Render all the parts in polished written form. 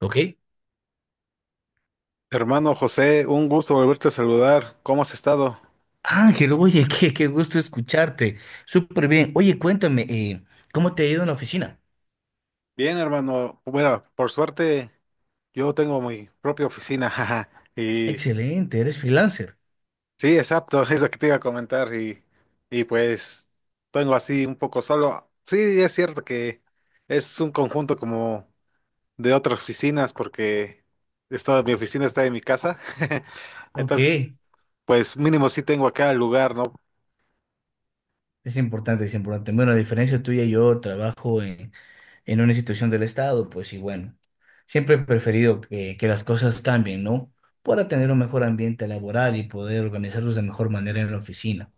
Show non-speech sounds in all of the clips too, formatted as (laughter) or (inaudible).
¿Ok? Hermano José, un gusto volverte a saludar. ¿Cómo has estado? Ángel, oye, (laughs) qué gusto escucharte. Súper bien. Oye, cuéntame, ¿cómo te ha ido en la oficina? Bien, hermano. Bueno, por suerte yo tengo mi propia oficina, (laughs) jaja. Y Excelente, eres freelancer. sí, exacto, (laughs) es lo que te iba a comentar. Y pues tengo así un poco solo. Sí, es cierto que es un conjunto como de otras oficinas porque mi oficina está en mi casa. (laughs) Ok, Entonces, es pues mínimo sí tengo acá el lugar, ¿no? importante, es importante. Bueno, a diferencia tuya, en una institución del Estado, pues y bueno, siempre he preferido que las cosas cambien, ¿no? Para tener un mejor ambiente laboral y poder organizarlos de mejor manera en la oficina.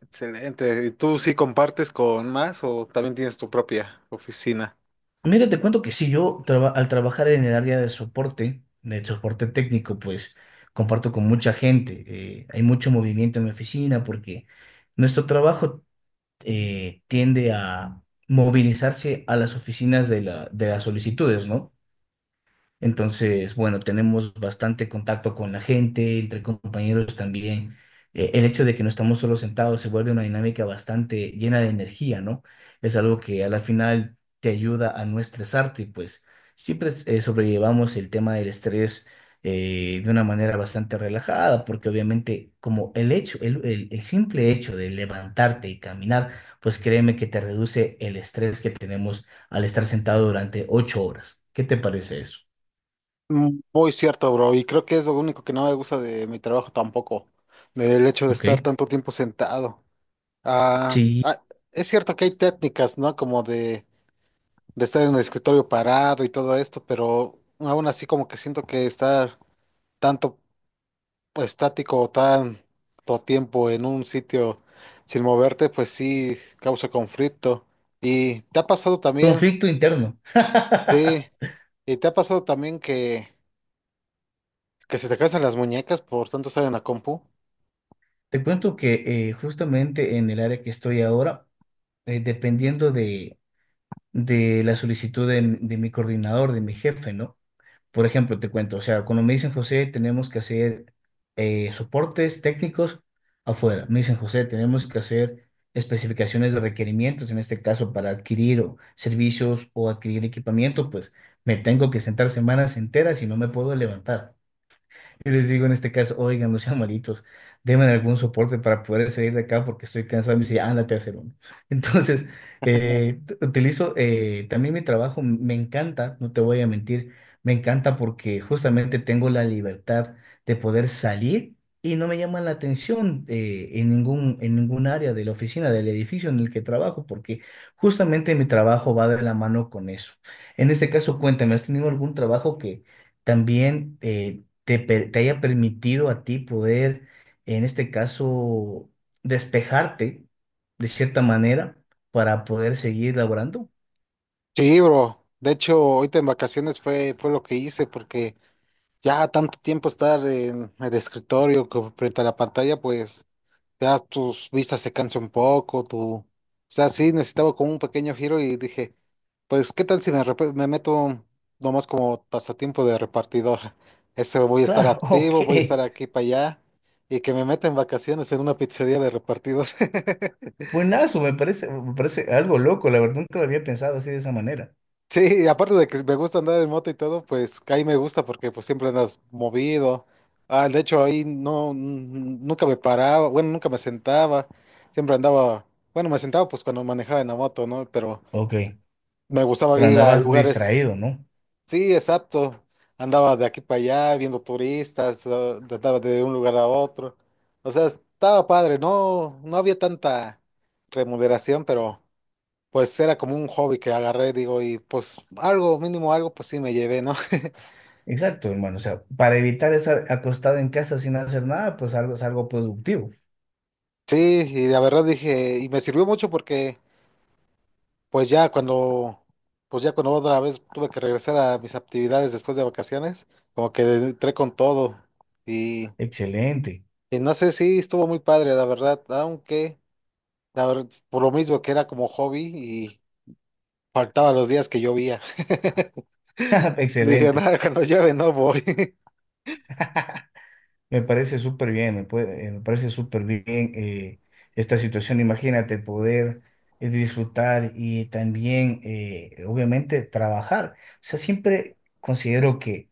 Excelente. ¿Y tú sí compartes con más o también tienes tu propia oficina? Mira, te cuento que sí, al trabajar en el área de soporte técnico, pues comparto con mucha gente. Hay mucho movimiento en mi oficina porque nuestro trabajo tiende a movilizarse a las oficinas de las solicitudes, ¿no? Entonces, bueno, tenemos bastante contacto con la gente, entre compañeros también. El hecho de que no estamos solo sentados se vuelve una dinámica bastante llena de energía, ¿no? Es algo que a la final te ayuda a no estresarte, pues siempre sobrellevamos el tema del estrés de una manera bastante relajada, porque obviamente como el simple hecho de levantarte y caminar, pues créeme que te reduce el estrés que tenemos al estar sentado durante ocho horas. ¿Qué te parece eso? Mm, muy cierto, bro, y creo que es lo único que no me gusta de mi trabajo tampoco, del hecho de Ok, estar tanto tiempo sentado. Ah, sí, ah, es cierto que hay técnicas, ¿no? De estar en el escritorio parado y todo esto, pero aún así como que siento que estar tanto pues, estático o tanto tiempo en un sitio sin moverte, pues sí causa conflicto. ¿Y te ha pasado también? conflicto interno. Sí, (laughs) ¿y te ha pasado también que se te cansan las muñecas por tanto estar en la compu? Te cuento que justamente en el área que estoy ahora, eh, dependiendo de, de la solicitud de mi coordinador, de mi jefe, ¿no? Por ejemplo, te cuento, o sea, cuando me dicen José, tenemos que hacer soportes técnicos afuera. Me dicen José, tenemos que hacer especificaciones de requerimientos, en este caso para adquirir servicios o adquirir equipamiento, pues me tengo que sentar semanas enteras y no me puedo levantar. Yo les digo en este caso, oigan, no sean malitos, denme algún soporte para poder salir de acá porque estoy cansado. Y me dice, ándate a hacer uno. (laughs) Entonces, utilizo también mi trabajo, me encanta, no te voy a mentir, me encanta porque justamente tengo la libertad de poder salir y no me llama la atención en ningún área de la oficina, del edificio en el que trabajo, porque justamente mi trabajo va de la mano con eso. En este caso, cuéntame, ¿has tenido algún trabajo que... También te haya permitido a ti poder, en este caso, despejarte de cierta manera para poder seguir laborando. Sí, bro. De hecho, ahorita en vacaciones fue lo que hice porque ya tanto tiempo estar en el escritorio frente a la pantalla, pues ya tus vistas se cansan un poco, tu... O sea, sí, necesitaba como un pequeño giro y dije, pues, ¿qué tal si me meto nomás como pasatiempo de repartidor? (laughs) Este, voy a estar Claro, (laughs) activo, voy a estar ok. aquí para allá y que me meta en vacaciones en una pizzería de repartidor. (laughs) Buenazo, me parece algo loco, la verdad nunca lo había pensado así de esa manera. Sí, aparte de que me gusta andar en moto y todo, pues ahí me gusta porque pues siempre andas movido. Ah, de hecho ahí no, nunca me paraba, bueno, nunca me sentaba. Siempre andaba, bueno, me sentaba pues cuando manejaba en la moto, ¿no? Pero Ok, me gustaba pero ir a andabas lugares, distraído, ¿no? sí, exacto. Andaba de aquí para allá viendo turistas, ah, andaba de un lugar a otro. O sea, estaba padre, no, no había tanta remuneración, pero pues era como un hobby que agarré, digo, y pues algo, mínimo algo, pues sí me llevé, ¿no? (laughs) Exacto, hermano. O sea, para evitar estar acostado en casa sin hacer nada, pues algo es algo productivo. Sí, y la verdad dije, y me sirvió mucho porque pues ya cuando, pues ya cuando otra vez tuve que regresar a mis actividades después de vacaciones, como que entré con todo y, Excelente, y no sé si estuvo muy padre, la verdad, aunque la verdad, por lo mismo que era como hobby y faltaba los días que llovía. (laughs) (laughs) Dije, excelente. nada, cuando llueve no voy. (laughs) (laughs) Me parece súper bien eh, esta situación. Imagínate poder disfrutar y también, obviamente, trabajar. O sea, siempre considero que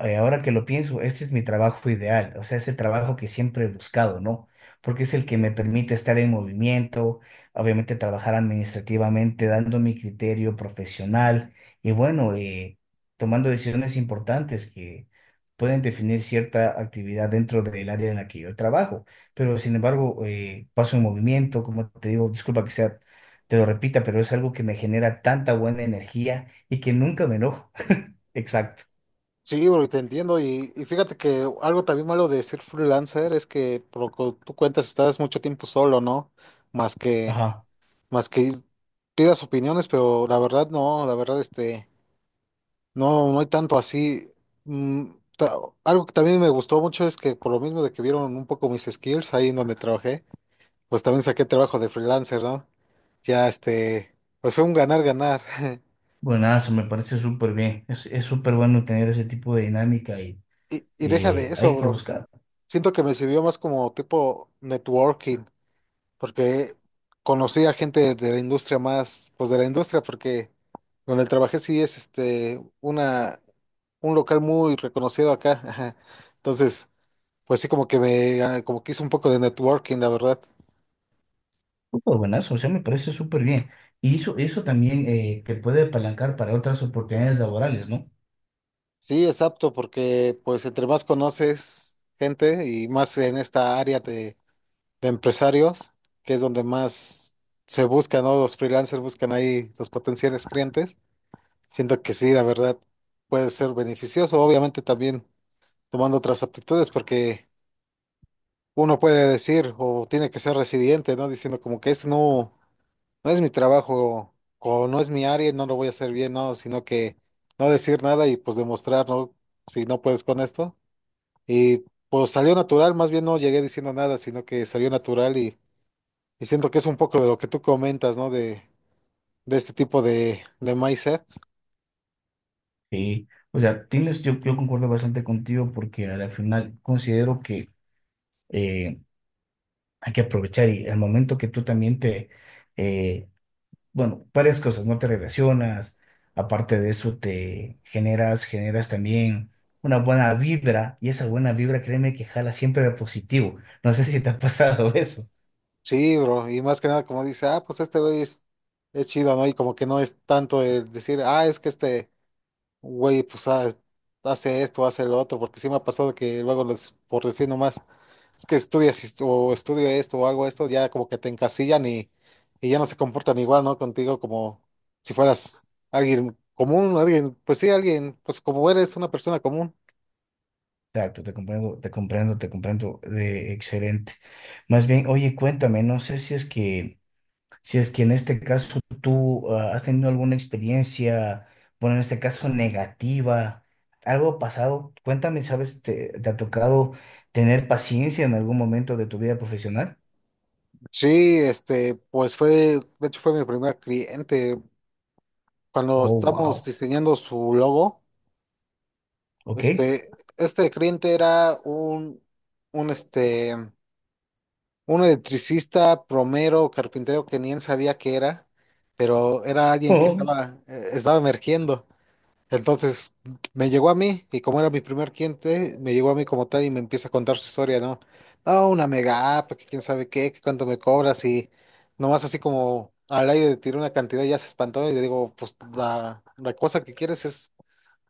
ahora que lo pienso, este es mi trabajo ideal, o sea, es el trabajo que siempre he buscado, ¿no? Porque es el que me permite estar en movimiento, obviamente trabajar administrativamente, dando mi criterio profesional y bueno, tomando decisiones importantes que pueden definir cierta actividad dentro del área en la que yo trabajo. Pero sin embargo, paso en movimiento, como te digo, disculpa que sea, te lo repita, pero es algo que me genera tanta buena energía y que nunca me enojo. (laughs) Exacto. Sí, bro, y te entiendo. Y fíjate que algo también malo de ser freelancer es que, por lo que tú cuentas, estás mucho tiempo solo, ¿no? Más que, Ajá. más que pidas opiniones, pero la verdad no, la verdad, este, no hay tanto así. Mm, ta- algo que también me gustó mucho es que por lo mismo de que vieron un poco mis skills ahí en donde trabajé, pues también saqué trabajo de freelancer, ¿no? Ya, este, pues fue un ganar-ganar. (laughs) Buenazo, me parece súper bien. Es súper bueno tener ese tipo de dinámica y Y deja de eso, hay que bro. buscar. Siento que me sirvió más como tipo networking porque conocí a gente de la industria más, pues de la industria, porque donde trabajé sí es este una un local muy reconocido acá, ajá. Entonces, pues sí como que me ah, como que hice un poco de networking, la verdad. Súper buenazo, o sea, me parece súper bien. Eso también te puede apalancar para otras oportunidades laborales, ¿no? Sí, es apto porque pues entre más conoces gente y más en esta área de empresarios, que es donde más se buscan, ¿no? Los freelancers buscan ahí los potenciales clientes. Siento que sí, la verdad, puede ser beneficioso. Obviamente también tomando otras aptitudes, porque uno puede decir o tiene que ser resiliente, ¿no? Diciendo como que esto no, no es mi trabajo o no es mi área, no lo voy a hacer bien, ¿no? Sino que no decir nada y pues demostrar, ¿no? Si no puedes con esto. Y pues salió natural, más bien no llegué diciendo nada, sino que salió natural y siento que es un poco de lo que tú comentas, ¿no? De este tipo de mindset. Sí. O sea, tienes, yo concuerdo bastante contigo porque al final considero que eh, hay que aprovechar y al momento que eh, bueno, varias cosas, no te relacionas, aparte de eso generas también una buena vibra y esa buena vibra, créeme que jala siempre de positivo. No sé si te ha pasado (laughs) eso. Sí, bro, y más que nada como dice, ah, pues este güey es chido, ¿no? Y como que no es tanto el decir, ah, es que este güey, pues ah, hace esto, hace lo otro, porque sí me ha pasado que luego les, por decir nomás, es que estudias esto- o estudio esto o hago esto, ya como que te encasillan y ya no se comportan igual, ¿no? Contigo como si fueras alguien común, alguien, pues sí, alguien, pues como eres una persona común. Exacto, te comprendo, te comprendo, te comprendo, excelente. Más bien, oye, cuéntame, no sé si es que si es que en este caso has tenido alguna experiencia, bueno, en este caso negativa, algo ha pasado, cuéntame, ¿sabes? Te ha tocado tener paciencia en algún momento de tu vida profesional? Sí, este, pues fue, de hecho fue mi primer cliente. Cuando Oh, estamos wow, diseñando su logo, ok. (laughs) este, este cliente era un este, uno electricista, plomero, carpintero que ni él sabía que era, pero era alguien que Oh, estaba, estaba emergiendo. Entonces me llegó a mí y como era mi primer cliente, me llegó a mí como tal y me empieza a contar su historia, ¿no? No, una mega app, que quién sabe qué, que cuánto me cobras y nomás así como al aire le tiré una cantidad y ya se espantó y le digo, pues la cosa que quieres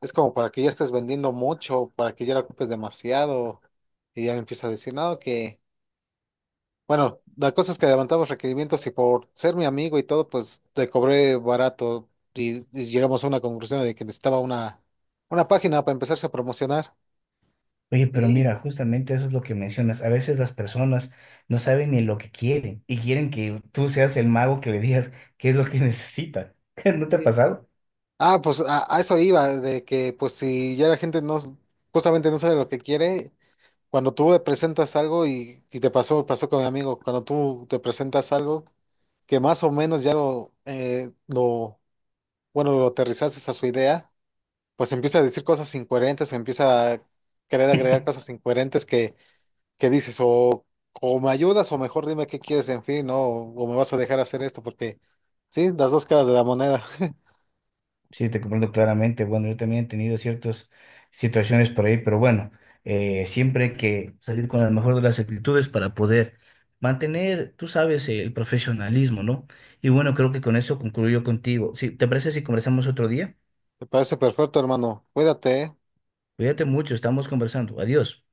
es como para que ya estés vendiendo mucho, para que ya la ocupes demasiado. Y ya me empieza a decir, no, que... Bueno, la cosa es que levantamos requerimientos y por ser mi amigo y todo, pues le cobré barato y llegamos a una conclusión de que necesitaba una página para empezarse a promocionar. oye, pero Y, mira, justamente eso es lo que mencionas. A veces las personas no saben ni lo que quieren y quieren que tú seas el mago que le digas qué es lo que necesita. (laughs) ¿No te ha y- pasado? Pues a eso iba, de que pues si ya la gente no, justamente no sabe lo que quiere, cuando tú le presentas algo y te pasó, pasó con mi amigo, cuando tú te presentas algo que más o menos ya lo, bueno, lo aterrizaste a su idea, pues empieza a decir cosas incoherentes o empieza a querer agregar cosas incoherentes que dices, o me ayudas o mejor dime qué quieres, en fin, ¿no? O me vas a dejar hacer esto porque, sí, las dos caras de la moneda. (laughs) Sí, te comprendo claramente. Bueno, yo también he tenido ciertas situaciones por ahí, pero bueno, siempre hay que salir con la mejor de las actitudes para poder mantener, tú sabes, el profesionalismo, ¿no? Y bueno, creo que con eso concluyo contigo. Sí, ¿te parece si conversamos otro día? Me parece perfecto, hermano. Cuídate, ¿eh? Cuídate mucho, estamos conversando. Adiós.